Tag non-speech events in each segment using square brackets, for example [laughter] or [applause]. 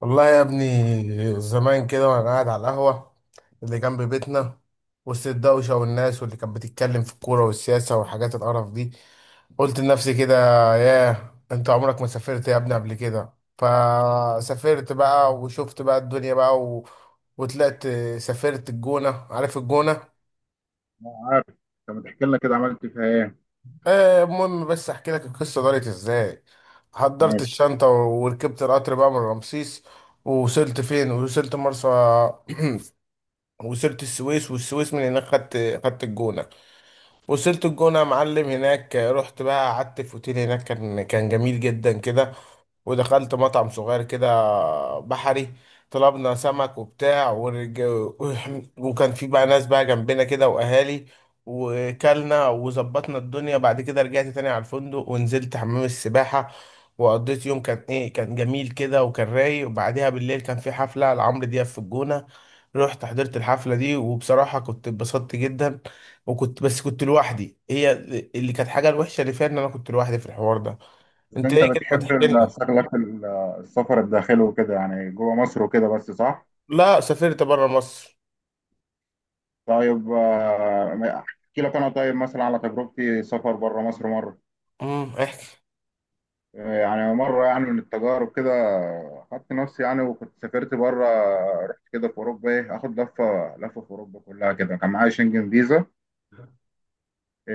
والله يا ابني، زمان كده وانا قاعد على القهوة اللي جنب بيتنا، وسط الدوشة والناس، واللي كانت بتتكلم في الكورة والسياسة والحاجات القرف دي، قلت لنفسي كده: ياه، انت عمرك ما سافرت يا ابني قبل كده. فسافرت بقى وشفت بقى الدنيا بقى وطلعت. سافرت الجونة، عارف الجونة؟ أنا عارف. طب ما تحكي لنا كده عملت فيها ايه؟ آه، المهم بس احكي لك القصة دارت ازاي. حضرت ماشي. الشنطة وركبت القطر بقى من رمسيس، ووصلت فين؟ وصلت مرسى، وصلت السويس، والسويس من هناك خدت الجونة. وصلت الجونة يا معلم، هناك رحت بقى قعدت في اوتيل هناك، كان جميل جدا كده. ودخلت مطعم صغير كده، بحري، طلبنا سمك وبتاع وكان في بقى ناس بقى جنبنا كده وأهالي، وكلنا وظبطنا الدنيا. بعد كده رجعت تاني على الفندق، ونزلت حمام السباحة، وقضيت يوم كان ايه، كان جميل كده وكان رايق. وبعديها بالليل كان في حفلة لعمرو دياب في الجونة، رحت حضرت الحفلة دي وبصراحة كنت اتبسطت جدا. وكنت بس كنت لوحدي، هي اللي كانت حاجة الوحشة اللي فيها، ان انا كنت لوحدي في الحوار ده. بس انت انت ايه كده، ما بتحب تحكي لنا. السفر الداخلي وكده يعني جوه مصر وكده بس صح؟ لا، سافرت بره مصر. طيب احكي لك انا طيب مثلا على تجربتي سفر بره مصر مره. امم، احكي. يعني مره يعني من التجارب كده خدت نفسي يعني وكنت سافرت بره. رحت كده في اوروبا ايه اخد لفه لفه في اوروبا كلها كده كان معايا شنجن فيزا.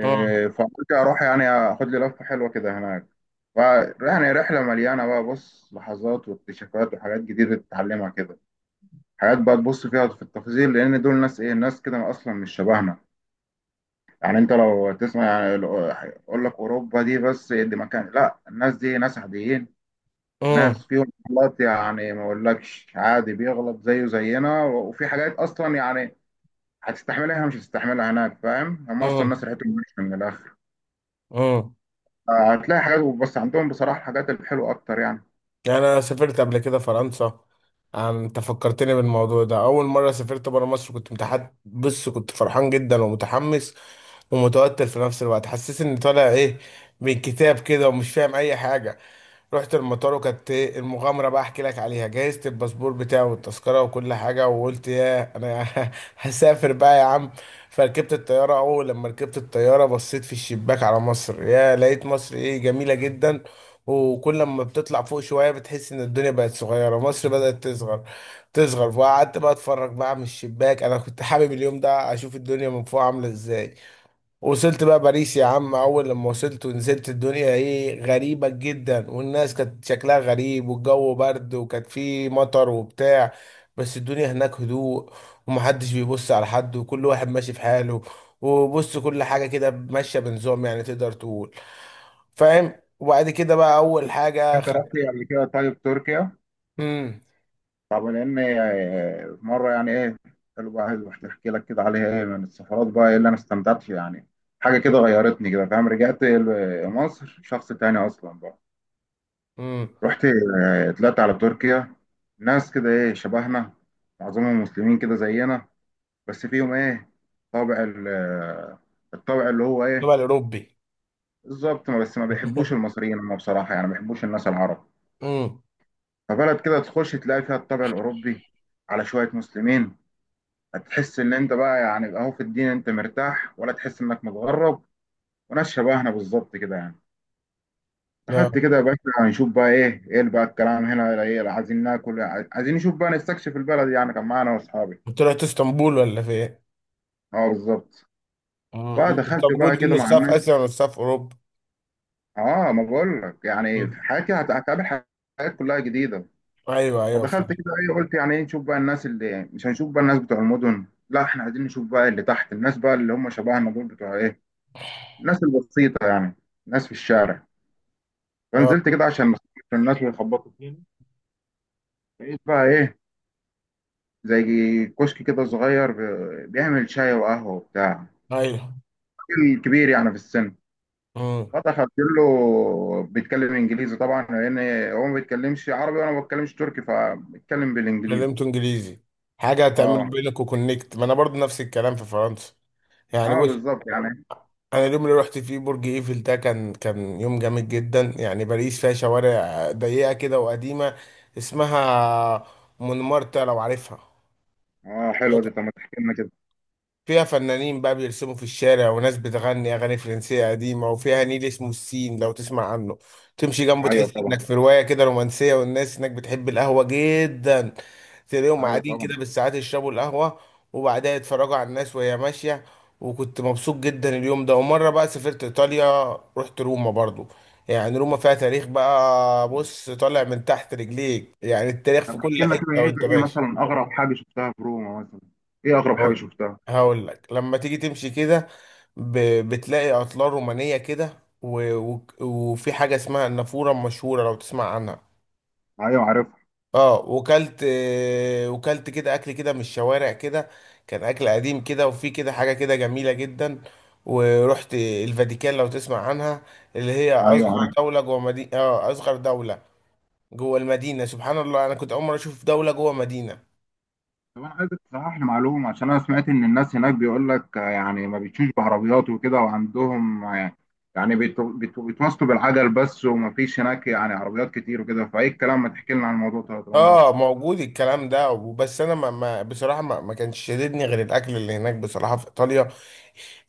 امم. فقلت اروح يعني اخد لي لفه حلوه كده هناك. ف- يعني رحله مليانه بقى بص لحظات واكتشافات وحاجات جديده تتعلمها كده. حاجات بقى تبص فيها في التفاصيل لان دول ناس ايه ناس كده اصلا مش شبهنا. يعني انت لو تسمع يعني اقول لك اوروبا دي بس دي مكان لا الناس دي ناس عاديين. ناس فيهم غلط يعني ما اقولكش عادي بيغلط زيه زينا وفي حاجات اصلا يعني هتستحملها مش هتستحملها هناك فاهم هم اصلا امم. ناس ريحتهم مش من الاخر. امم. هتلاقي حاجات بس عندهم بصراحة الحاجات الحلوة أكتر يعني. يعني انا سافرت قبل كده فرنسا، يعني انت فكرتني بالموضوع ده. اول مره سافرت برا مصر كنت متحد، بص، كنت فرحان جدا ومتحمس ومتوتر في نفس الوقت. حسيت اني طالع ايه، من كتاب كده، ومش فاهم اي حاجه. رحت المطار وكانت إيه المغامره بقى، احكي لك عليها. جهزت الباسبور بتاعي والتذكره وكل حاجه، وقلت يا انا [laughs] هسافر بقى يا عم. فركبت الطياره، اول لما ركبت الطياره بصيت في الشباك على مصر، يا لقيت مصر ايه، جميله جدا. وكل ما بتطلع فوق شوية، بتحس إن الدنيا بقت صغيرة، مصر بدأت تصغر. وقعدت بقى أتفرج بقى من الشباك، أنا كنت حابب اليوم ده أشوف الدنيا من فوق عاملة إزاي. وصلت بقى باريس يا عم، اول لما وصلت ونزلت، الدنيا ايه، غريبة جدا، والناس كانت شكلها غريب، والجو برد وكانت فيه مطر وبتاع. بس الدنيا هناك هدوء، ومحدش بيبص على حد، وكل واحد ماشي في حاله. وبص، كل حاجة كده ماشية بنظام، يعني تقدر تقول، فاهم. وبعد كده بقى اول حاجة أنت رحت قبل كده طيب تركيا؟ امم. طب لأن في مرة يعني إيه. حلو بقى عايز أحكي لك كده عليها إيه من السفرات بقى إيه اللي أنا استمتعت فيها يعني. حاجة كده غيرتني كده فاهم رجعت مصر شخص تاني أصلا بقى. امم. رحت طلعت على تركيا. ناس كده إيه شبهنا. معظمهم مسلمين كده زينا. بس فيهم إيه طابع الطابع اللي هو إيه. بقى الاوروبي. بالظبط بس ما بيحبوش [laughs] المصريين هم بصراحة يعني ما بيحبوش الناس العرب. امم. فبلد كده تخش تلاقي فيها الطابع الأوروبي على شوية مسلمين. هتحس إن أنت بقى يعني أهو في الدين أنت مرتاح ولا تحس إنك متغرب. وناس شبهنا بالظبط كده يعني. يا. دخلت كده يا باشا هنشوف بقى إيه بقى الكلام هنا إيه عايزين ناكل. عايزين نشوف بقى نستكشف البلد يعني كان معانا وأصحابي. طلعت اسطنبول ولا فين؟ أه بالظبط. مم. فدخلت بقى اسطنبول دي كده مع نصها في الناس. اسيا ونصها في اوروبا. أه ما بقول لك يعني في حياتي هتقابل حاجات كلها جديدة. ايوه ايوه، فدخلت فعلا. كده ايه قلت يعني ايه نشوف بقى الناس اللي مش هنشوف بقى الناس بتوع المدن لا احنا عايزين نشوف بقى اللي تحت الناس بقى اللي هم شبهنا دول بتوع ايه الناس البسيطة يعني. الناس في الشارع. آه، فنزلت كده عشان ما أخبطش الناس ويخبطوا فيني. لقيت بقى ايه زي كشك كده صغير بيعمل شاي وقهوة وبتاع. ايوه. راجل كبير يعني في السن. امم. فدخلت له بيتكلم انجليزي طبعا لان هو ما بيتكلمش عربي وانا ما بتكلمش تركي فبيتكلم بالانجليزي. اتكلمت انجليزي، حاجه هتعمل اه. بينك وكونكت. ما انا برضو نفس الكلام في فرنسا، يعني اه بص، بالظبط يعني. انا اليوم اللي رحت فيه برج ايفل ده كان يوم جامد جدا. يعني باريس فيها شوارع ضيقه كده وقديمه، اسمها مونمارتر لو عارفها. اه حلوه دي طب ما تحكي لنا كده. فيها فنانين بقى بيرسموا في الشارع، وناس بتغني أغاني فرنسية قديمة، وفيها نيل اسمه السين لو تسمع عنه. تمشي جنبه ايوه تحس طبعا. إنك في رواية كده رومانسية. والناس هناك بتحب القهوة جدا، تلاقيهم ايوه قاعدين كده طبعا. بالساعات يشربوا القهوة، وبعدها يتفرجوا على الناس وهي ماشية. وكنت مبسوط جدا اليوم ده. ومرة بقى سافرت إيطاليا، رحت روما برضو. يعني روما فيها تاريخ بقى، بص، طالع من تحت رجليك، يعني التاريخ في طب احكي كل لنا كده حتة ايه. وانت ايه ماشي. مثلا اغرب حاجه شفتها في روما مثلا؟ ايه اغرب حاجه هقول شفتها؟ هقول لك، لما تيجي تمشي كده، ب... بتلاقي اطلال رومانيه كده وفي حاجه اسمها النافوره المشهوره لو تسمع عنها. ايوه عارفها. اه، وكلت، آه، وكلت كده اكل كده من الشوارع كده، كان اكل قديم كده، وفي كده حاجه كده جميله جدا. ورحت الفاتيكان لو تسمع عنها، اللي هي ايوه اصغر عارفها. دوله جوه مدينه. اه، اصغر دوله جوه المدينه، سبحان الله، انا كنت اول مره اشوف دوله جوه مدينه. طب انا عايزك تصحح لي معلومه عشان انا سمعت ان الناس هناك بيقول لك يعني ما بيتشوش بعربيات وكده وعندهم يعني بيتواصلوا بالعجل بس وما فيش هناك يعني عربيات كتير وكده فايه الكلام ما تحكي لنا عن الموضوع ده طالما رحت. اه، موجود الكلام ده. بس انا ما بصراحه ما كانش شددني غير الاكل اللي هناك، بصراحه في ايطاليا،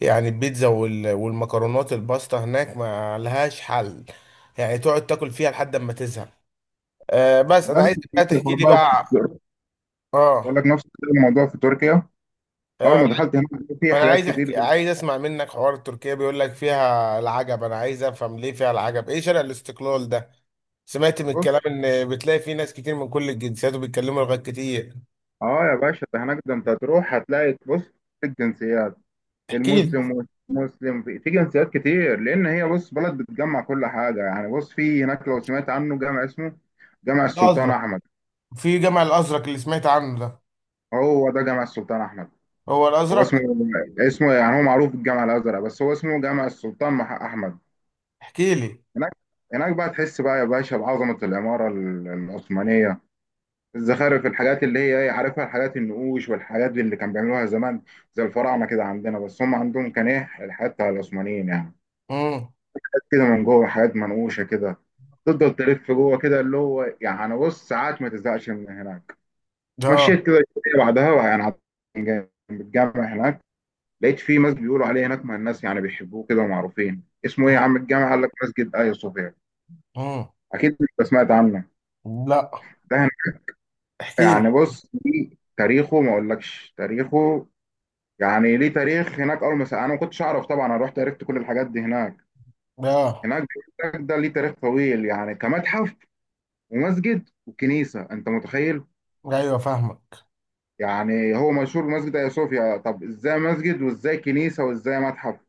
يعني البيتزا والمكرونات الباستا هناك ما لهاش حل، يعني تقعد تاكل فيها لحد ما تزهق. آه بس أنا انا عايز نفس الكلام بقى في تحكي الحوار لي بقى بقى. في تركيا. بقول اه. لك نفس الكلام الموضوع في تركيا. اول آه، ما دخلت هناك في ما انا حاجات عايز كتير. احكي، عايز اسمع منك حوار تركيا، بيقول لك فيها العجب، انا عايز افهم ليه فيها العجب، ايه شارع الاستقلال ده؟ سمعت من بص. الكلام ان بتلاقي فيه ناس كتير من كل الجنسيات وبيتكلموا لغات كتير. اه يا باشا ده هناك ده انت هتروح هتلاقي بص في الجنسيات احكي لي. المسلم والمسلم في جنسيات كتير لان هي بص بلد بتجمع كل حاجه يعني بص في هناك لو سمعت عنه جامع اسمه جامع ده السلطان ازرق، احمد. في جامع الازرق اللي سمعت عنه ده؟ هو ده جامع السلطان احمد. هو هو اسمه الازرق؟ اسمه يعني هو معروف بالجامع الازرق بس هو اسمه جامع السلطان احمد. احكي لي. هناك هناك بقى تحس بقى يا باشا بعظمه العماره العثمانيه. الزخارف الحاجات اللي هي عارفها الحاجات النقوش والحاجات اللي كان بيعملوها زمان زي الفراعنه كده عندنا بس هم عندهم كان ايه الحاجات بتاع العثمانيين يعني. امم. حاجات كده من جوه حاجات منقوشه كده. تفضل تلف جوه كده اللي هو يعني بص ساعات ما تزهقش من هناك. ده. مشيت كده شويه بعدها بقى يعني عند جنب الجامع هناك لقيت في مسجد بيقولوا عليه هناك ما الناس يعني بيحبوه كده ومعروفين اسمه ايه يا عم الجامع قال لك مسجد ايا صوفيا. امم. اكيد انت سمعت عنه. لا. ده هناك احكي يعني لي. بص دي تاريخه ما اقولكش تاريخه يعني ليه تاريخ هناك. اول ما انا ما كنتش اعرف طبعا انا رحت عرفت كل الحاجات دي هناك. ده. هناك بيقول لك ده ليه تاريخ طويل يعني كمتحف ومسجد وكنيسه انت متخيل؟ ايوه، فاهمك. يعني هو مشهور بمسجد ايا صوفيا طب ازاي مسجد وازاي كنيسه وازاي متحف؟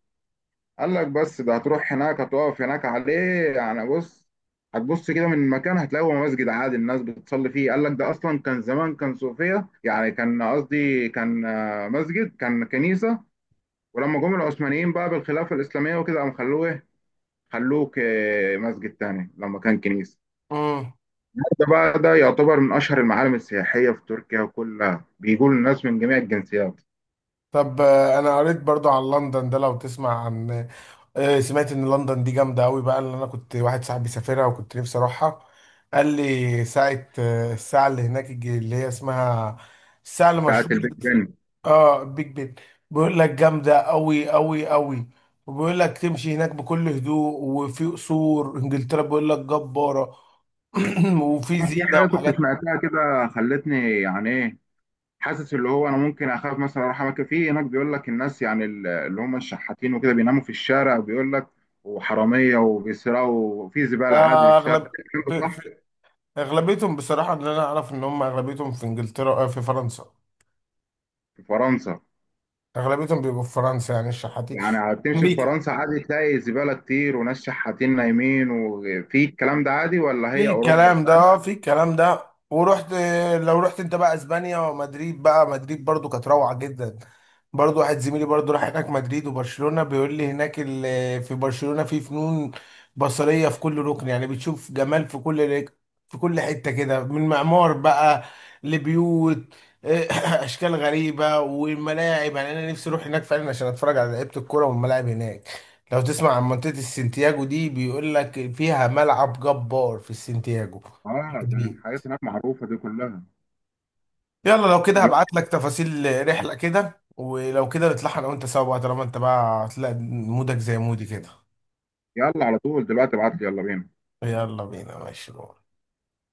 قال لك بس ده هتروح هناك هتقف هناك عليه. يعني بص هتبص كده من مكان هتلاقي هو مسجد عادي الناس بتصلي فيه. قال لك ده اصلا كان زمان كان صوفيا يعني كان قصدي كان مسجد كان كنيسه. ولما جم العثمانيين بقى بالخلافة الإسلامية وكده قام خلوه إيه؟ خلوه مسجد تاني لما كان كنيسة. امم. ده بقى ده يعتبر من أشهر المعالم السياحية في تركيا وكلها بيجوا الناس من جميع الجنسيات. طب آه، انا قريت برضو عن لندن ده لو تسمع عن. آه، سمعت ان لندن دي جامده قوي بقى، اللي انا كنت واحد صاحبي سافرها وكنت نفسي اروحها. قال لي ساعه، آه، الساعه اللي هناك، اللي هي اسمها الساعه ساعة المشهوره. البيج بن. اه، بيج بن. بيقول لك جامده قوي قوي قوي. وبيقول لك تمشي هناك بكل هدوء. وفي قصور انجلترا بيقول لك جباره، [clears throat] وفي أنا في زينه حاجة كنت وحاجات. سمعتها كده خلتني يعني إيه. حاسس اللي هو أنا ممكن أخاف مثلا أروح أماكن فيه هناك بيقول لك الناس يعني اللي هم الشحاتين وكده بيناموا في الشارع بيقول لك وحرامية وبيسرقوا وفي زبالة عادي في آه، الشارع اغلب، الكلام ده في صح؟ في اغلبيتهم بصراحه، اللي انا اعرف ان هم اغلبيتهم في انجلترا. آه، في فرنسا، في فرنسا؟ اغلبيتهم بيبقوا في فرنسا، يعني الشحاتين. يعني هتمشي في فرنسا عادي تلاقي زبالة كتير وناس شحاتين نايمين وفي الكلام ده عادي ولا في هي أوروبا؟ الكلام ده، اه، في الكلام ده. ورحت، لو رحت انت بقى اسبانيا ومدريد بقى، مدريد برضو كانت روعة جدا. برضو واحد زميلي برضو راح هناك مدريد وبرشلونة. بيقول لي هناك في برشلونة في فنون بصرية في كل ركن، يعني بتشوف جمال في كل في كل حتة كده، من معمار بقى لبيوت، [coughs] [clears throat] اشكال غريبة. والملاعب، يعني انا نفسي اروح هناك فعلا عشان اتفرج على لعيبة الكورة والملاعب هناك. لو تسمع عن منطقة السنتياجو دي، بيقول لك فيها ملعب جبار في السنتياجو. اه ده جميل. الحاجات هناك معروفة دي كلها. يلا، لو كده دلوقتي. هبعت لك تفاصيل رحلة كده، ولو كده نطلعها انا وانت سوا بقى، طالما انت بقى هتلاقي مودك زي مودي كده. يلا على طول دلوقتي ابعت لي يلا بينا. يلا بينا، ماشي.